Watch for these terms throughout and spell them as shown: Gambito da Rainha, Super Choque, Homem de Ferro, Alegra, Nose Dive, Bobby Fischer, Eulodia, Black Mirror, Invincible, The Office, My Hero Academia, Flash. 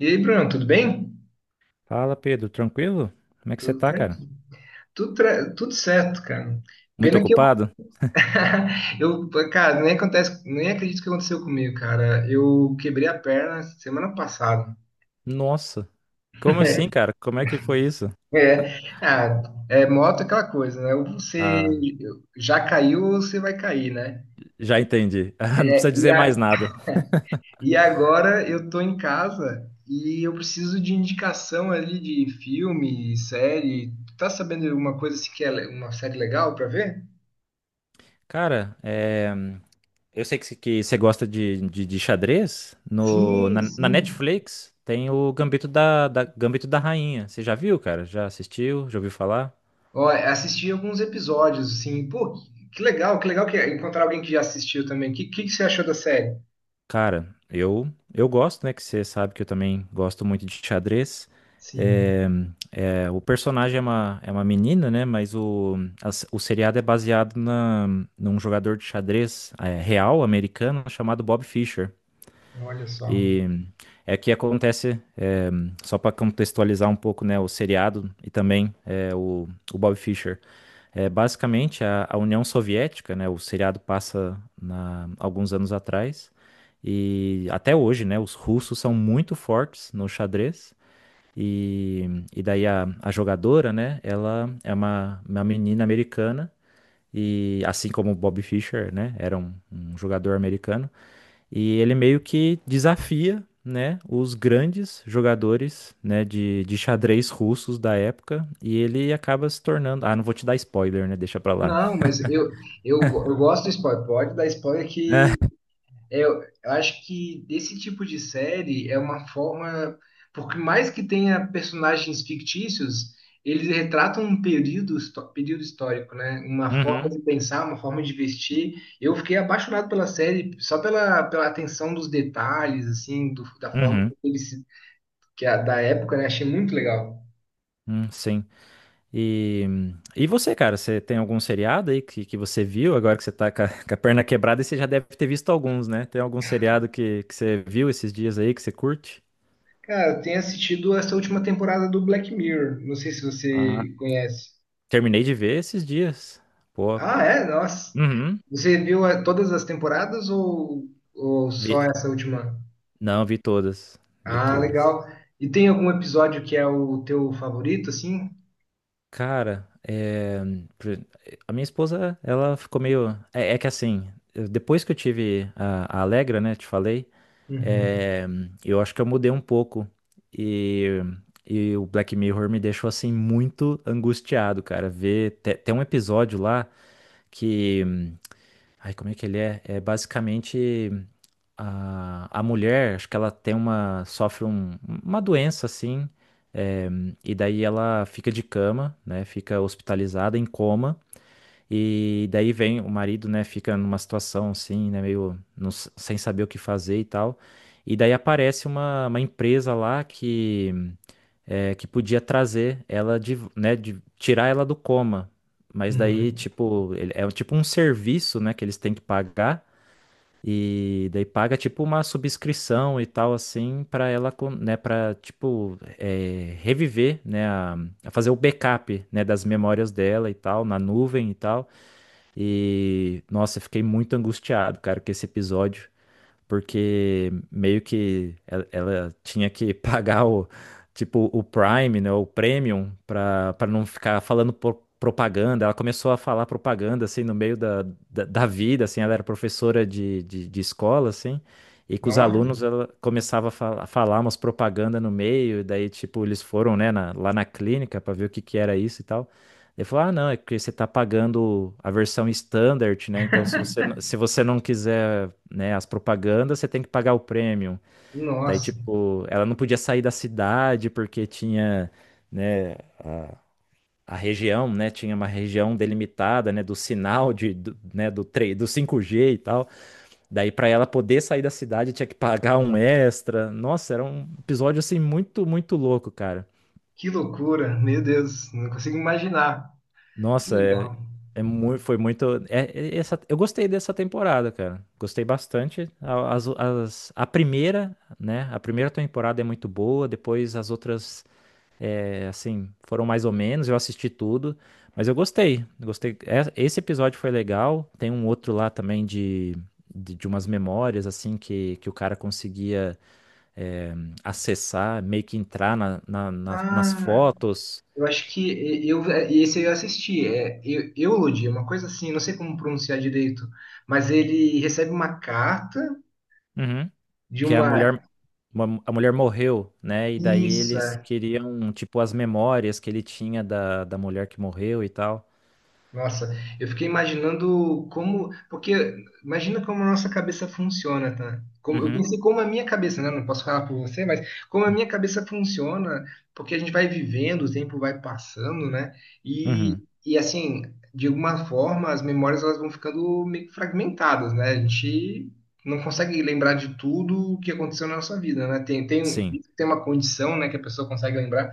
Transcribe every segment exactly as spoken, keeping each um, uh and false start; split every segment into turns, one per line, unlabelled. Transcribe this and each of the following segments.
E aí, Bruno, tudo bem?
Fala, Pedro, tranquilo? Como é que você
Tudo,
tá,
tra-
cara?
tudo, tra- tudo certo, cara.
Muito
Pena que eu,
ocupado?
eu, cara, nem acontece, nem acredito que aconteceu comigo, cara. Eu quebrei a perna semana passada.
Nossa, como assim, cara? Como é que foi isso?
É, ah, é moto é aquela coisa, né? Ou você
Ah,
já caiu ou você vai cair, né?
já entendi. Ah, Não precisa
E,
dizer
a-
mais nada.
e agora eu tô em casa e eu preciso de indicação ali de filme, série. Tá sabendo alguma coisa assim que é le- uma série legal pra ver?
Cara, é, eu sei que, que você gosta de, de, de xadrez. No,
Sim,
na, na
sim.
Netflix tem o Gambito da, da, Gambito da Rainha. Você já viu, cara? Já assistiu? Já ouviu falar?
Ó, assisti alguns episódios, assim, pô, que que legal, que legal que é encontrar alguém que já assistiu também. O que, que, que você achou da série?
Cara, eu eu gosto, né? Que você sabe que eu também gosto muito de xadrez.
Sim,
É, é, o personagem é uma, é uma menina, né? Mas o, a s- o seriado é baseado na, num jogador de xadrez é, real americano chamado Bob Fischer.
olha só.
E é que acontece, é, só para contextualizar um pouco, né? O seriado e também é, o, o Bob Fischer. É, basicamente, a, a União Soviética, né? O seriado passa na- alguns anos atrás. E até hoje, né? Os russos são muito fortes no xadrez. E, e daí a, a jogadora, né? Ela é uma, uma menina americana. E assim como o Bobby Fischer, né? Era um, um jogador americano. E ele meio que desafia, né? Os grandes jogadores, né? De, de xadrez russos da época. E ele acaba se tornando... Ah, não vou te dar spoiler, né? Deixa pra lá.
Não, mas eu, eu, go- eu gosto do spoiler. Pode dar spoiler
É.
que é. Eu, eu acho que esse tipo de série é uma forma, porque mais que tenha personagens fictícios, eles retratam um período, histó- período histórico, né? Uma forma
Uhum,
de pensar, uma forma de vestir. Eu fiquei apaixonado pela série só pela, pela atenção dos detalhes, assim, do- da forma
uhum,
que eles, se- que a, da época, né? Achei muito legal.
hum, sim. E, e você, cara, você tem algum seriado aí que, que você viu agora que você tá com a, com a perna quebrada e você já deve ter visto alguns, né? Tem algum seriado que, que você viu esses dias aí que você curte?
Cara, eu tenho assistido essa última temporada do Black Mirror. Não sei se
Ah,
você conhece.
terminei de ver esses dias. Pô.
Ah, é? Nossa.
Uhum.
Você viu eh, todas as temporadas ou, ou só
Vi-
essa última?
Não, vi todas. Vi
Ah,
todas.
legal. E tem algum episódio que é o teu favorito, assim?
Cara, é, pr- a minha esposa, ela ficou meio. É, é que assim, eu- depois que eu tive a, a Alegra, né, te falei.
Uhum.
É, eu acho que eu mudei um pouco e, e o Black Mirror me deixou assim muito angustiado, cara. Ver te- tem um episódio lá que, ai, como é que ele é? É basicamente a, a mulher, acho que ela tem uma sofre um- uma doença assim, é, e daí ela fica de cama, né? Fica hospitalizada em coma. E daí vem o marido, né, fica numa situação assim, né, meio não s- sem saber o que fazer e tal. E daí aparece uma, uma empresa lá que, é, que podia trazer ela de, né, de tirar ela do coma. Mas daí,
Uhum.
tipo, ele- é tipo um serviço, né, que eles têm que pagar. E daí paga tipo uma subscrição e tal assim para ela, con- né, para tipo é, reviver, né, a, a fazer o backup, né, das memórias dela e tal na nuvem e tal. E, nossa, eu fiquei muito angustiado, cara, com esse episódio, porque meio que ela, ela tinha que pagar o, tipo, o Prime, né, o Premium, pra, pra não ficar falando pro- propaganda. Ela começou a falar propaganda, assim, no meio da, da, da vida, assim, ela era professora de, de, de escola, assim, e com os
Nossa,
alunos ela começava a fala- falar umas propaganda no meio, e daí, tipo, eles foram, né, na- lá na clínica pra ver o que que era isso e tal. Ele falou: Ah, não, é porque você está pagando a versão standard, né? Então, se você, n- se você não quiser, né, as propagandas, você tem que pagar o premium. Daí,
nossa,
tipo, ela não podia sair da cidade porque tinha, né, a região, né? Tinha uma região delimitada, né, do sinal de, do, né, do, 3, do cinco g e tal. Daí, para ela poder sair da cidade, tinha que pagar um extra. Nossa, era um episódio assim muito, muito louco, cara.
que loucura, meu Deus, não consigo imaginar. Que
Nossa, é,
legal.
é muito, foi muito. É- é essa, eu gostei dessa temporada, cara. Gostei bastante. A- As, as- a primeira, né? A primeira temporada é muito boa. Depois as outras, é, assim, foram mais ou menos. Eu assisti tudo, mas eu gostei. Gostei. É- Esse episódio foi legal. Tem um outro lá também de, de, de umas memórias, assim, que, que o cara conseguia, é, acessar, meio que entrar na, na- na- nas
Ah,
fotos.
eu acho que e- eu, esse eu assisti, é Eu- Eulodia, uma coisa assim, não sei como pronunciar direito, mas ele recebe uma carta
Uhum.
de
Que é a mulher.
uma.
Uma- a mulher morreu, né? E daí
Isso,
eles
é,
queriam, tipo, as memórias que ele tinha da, da mulher que morreu e tal.
nossa, eu fiquei imaginando como, porque imagina como a nossa cabeça funciona, tá? Como, eu
Uhum.
pensei como a minha cabeça, né? Não posso falar por você, mas como a minha cabeça funciona, porque a gente vai vivendo, o tempo vai passando, né? E,
Uhum.
e assim, de alguma forma, as memórias elas vão ficando meio que fragmentadas, né? A gente não consegue lembrar de tudo o que aconteceu na nossa vida, né? Tem, tem,
Sim,
tem uma condição, né, que a pessoa consegue lembrar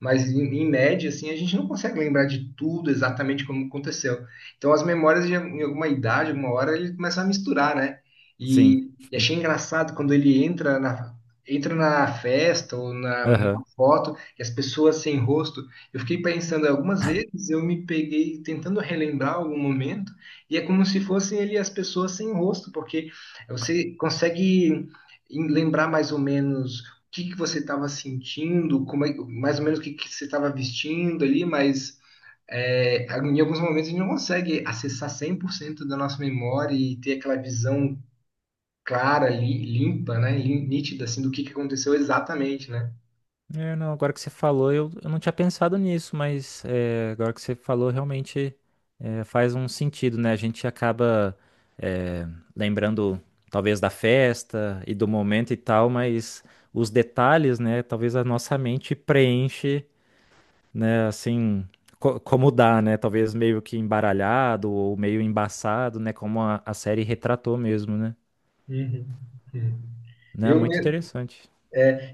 mas em, em média, assim, a gente não consegue lembrar de tudo exatamente como aconteceu. Então, as memórias, de, em alguma idade, alguma hora, ele começa a misturar, né?
sim.
E, e achei engraçado quando ele entra na, entra na festa ou na,
Aham.
numa foto e as pessoas sem rosto. Eu fiquei pensando algumas vezes, eu me peguei tentando relembrar algum momento e é como se fossem ele e as pessoas sem rosto, porque você consegue em- lembrar mais ou menos que, que você estava sentindo, como é- mais ou menos o que, que você estava vestindo ali, mas é, em alguns momentos a gente não consegue acessar cem por cento da nossa memória e ter aquela visão clara, li- limpa, né, lin- nítida, assim, do que, que aconteceu exatamente, né?
É, não, agora que você falou, eu, eu não tinha pensado nisso, mas é, agora que você falou, realmente é, faz um sentido, né? A gente acaba é, lembrando, talvez, da festa e do momento e tal, mas os detalhes, né? Talvez a nossa mente preenche, né? Assim, co- como dá, né? Talvez meio que embaralhado ou meio embaçado, né? Como a, a série retratou mesmo, né?
Uhum. Hum.
Né?
Eu,
Muito
né,
interessante.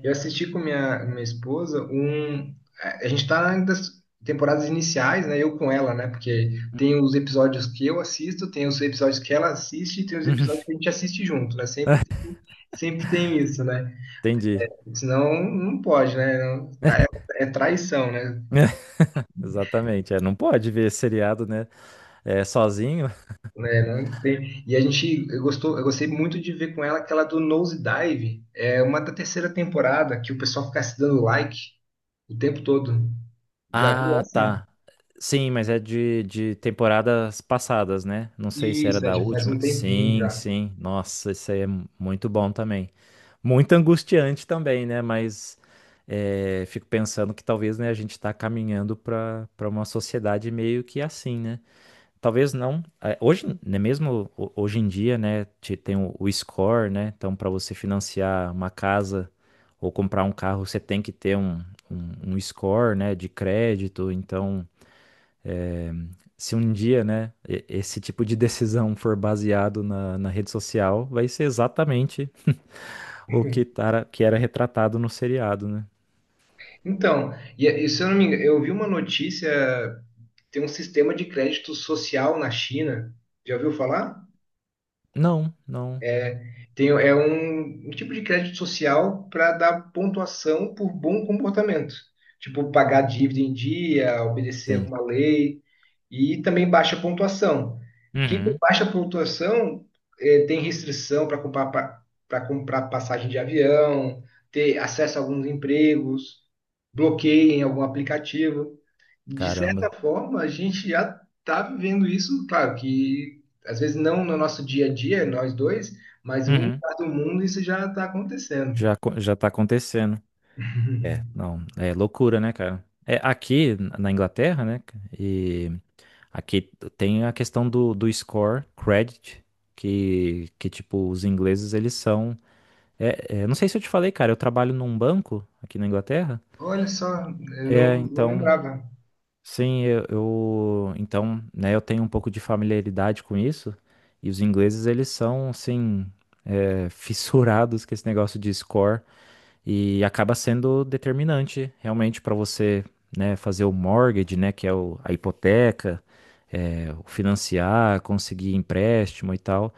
Eu assisti com minha, minha esposa um. A gente tá nas temporadas iniciais, né? Eu com ela, né? Porque tem os episódios que eu assisto, tem os episódios que ela assiste e tem os episódios que a gente assiste junto, né? Sempre, tem- sempre tem isso, né?
Entendi.
Senão não pode, né? Não- tá- é, é traição, né?
Exatamente. É, não pode ver seriado, né? É, sozinho.
Né, não tem- E a gente eu gostou, eu gostei muito de ver com ela aquela do Nose Dive, é uma da terceira temporada que o pessoal fica se dando like o tempo todo. Já viu
Ah,
essa?
tá. Sim, mas é de, de temporadas passadas, né? Não sei se era
Isso, é,
da
já faz
última.
um tempinho
Sim,
já.
sim. Nossa, isso aí é muito bom também. Muito angustiante também, né? Mas é, fico pensando que talvez, né, a gente está caminhando para para uma sociedade meio que assim, né? Talvez não. é, Hoje, né, mesmo ho- hoje em dia, né, te- tem o, o score, né? Então, para você financiar uma casa ou comprar um carro, você tem que ter um, um, um score, né, de crédito. Então, é, se um dia, né, e- esse tipo de decisão for baseado na, na rede social, vai ser exatamente o que, tara, que era retratado no seriado, né?
Então, e, e se eu não me engano, eu vi uma notícia, tem um sistema de crédito social na China. Já ouviu falar?
Não, não.
Tem, é um, um tipo de crédito social para dar pontuação por bom comportamento. Tipo, pagar dívida em dia, obedecer
Tem.
alguma lei e também baixa pontuação. Quem tem
Uhum.
baixa pontuação eh, tem restrição para comprar, para comprar passagem de avião, ter acesso a alguns empregos, bloqueio em algum aplicativo. De certa
Caramba.
forma, a gente já está vivendo isso, claro que às vezes não no nosso dia a dia, nós dois, mas em algum
Uhum.
lugar do mundo isso já está acontecendo.
Já, co- já tá acontecendo. É, não, é loucura, né, cara? É, aqui na Inglaterra, né, ca- e aqui tem a questão do, do score, credit, que, que, tipo, os ingleses, eles são... É, é, não sei se eu te falei, cara, eu trabalho num banco aqui na Inglaterra,
Olha só, eu não,
é,
não
então.
lembrava.
Sim, eu, eu- então, né, eu tenho um pouco de familiaridade com isso, e os ingleses eles são assim é, fissurados com esse negócio de score. E acaba sendo determinante realmente para você, né, fazer o mortgage, né, que é o- a hipoteca, é, o financiar, conseguir empréstimo e tal.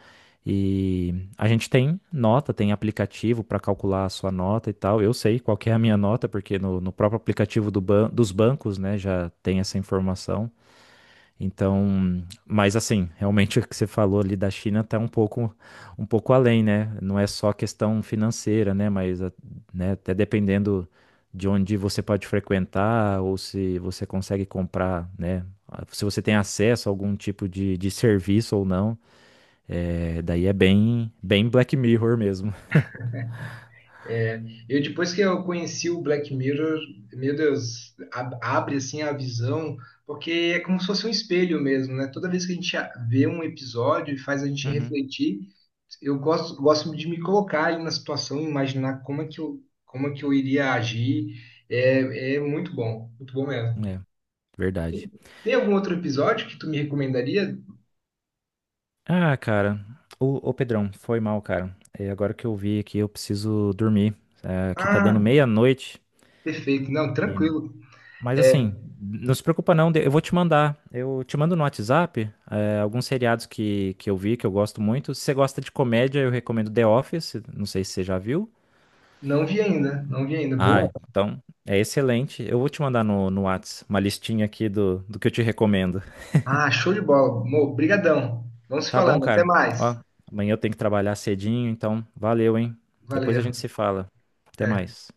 E a gente tem nota, tem aplicativo para calcular a sua nota e tal. Eu sei qual que é a minha nota, porque no, no próprio aplicativo do ban- dos bancos, né, já tem essa informação. Então, mas assim, realmente o que você falou ali da China está um pouco, um pouco além, né? Não é só questão financeira, né? Mas, a- né, até dependendo de onde você pode frequentar ou se você consegue comprar, né? Ah, se você tem acesso a algum tipo de, de serviço ou não, é, daí é bem, bem Black Mirror mesmo.
Eu depois que eu conheci o Black Mirror, meu Deus, ab- abre assim a visão, porque é como se fosse um espelho mesmo, né? Toda vez que a gente a- vê um episódio e faz a gente
Uhum.
refletir, eu gosto, gosto de me colocar ali na situação, imaginar como é que eu, como é que eu iria agir. É, é muito bom, muito bom mesmo.
É, verdade.
Tem algum outro episódio que tu me recomendaria?
Ah, cara, ô, ô Pedrão, foi mal, cara. É, agora que eu vi aqui, eu preciso dormir. É, aqui tá dando
Ah,
meia-noite.
perfeito. Não,
E-
tranquilo.
Mas
É,
assim, não se preocupa não, eu vou te mandar. Eu te mando no WhatsApp, é, alguns seriados que, que eu vi, que eu gosto muito. Se você gosta de comédia, eu recomendo The Office, não sei se você já viu.
não vi ainda, não vi ainda. Boa.
Ah, então é excelente. Eu vou te mandar no, no Whats uma listinha aqui do, do que eu te recomendo.
Ah, show de bola. Mo, brigadão. Vamos se
Tá bom,
falando. Até
cara?
mais.
Ó, amanhã eu tenho que trabalhar cedinho, então valeu, hein? Depois a
Valeu.
gente se fala. Até
Até.
mais.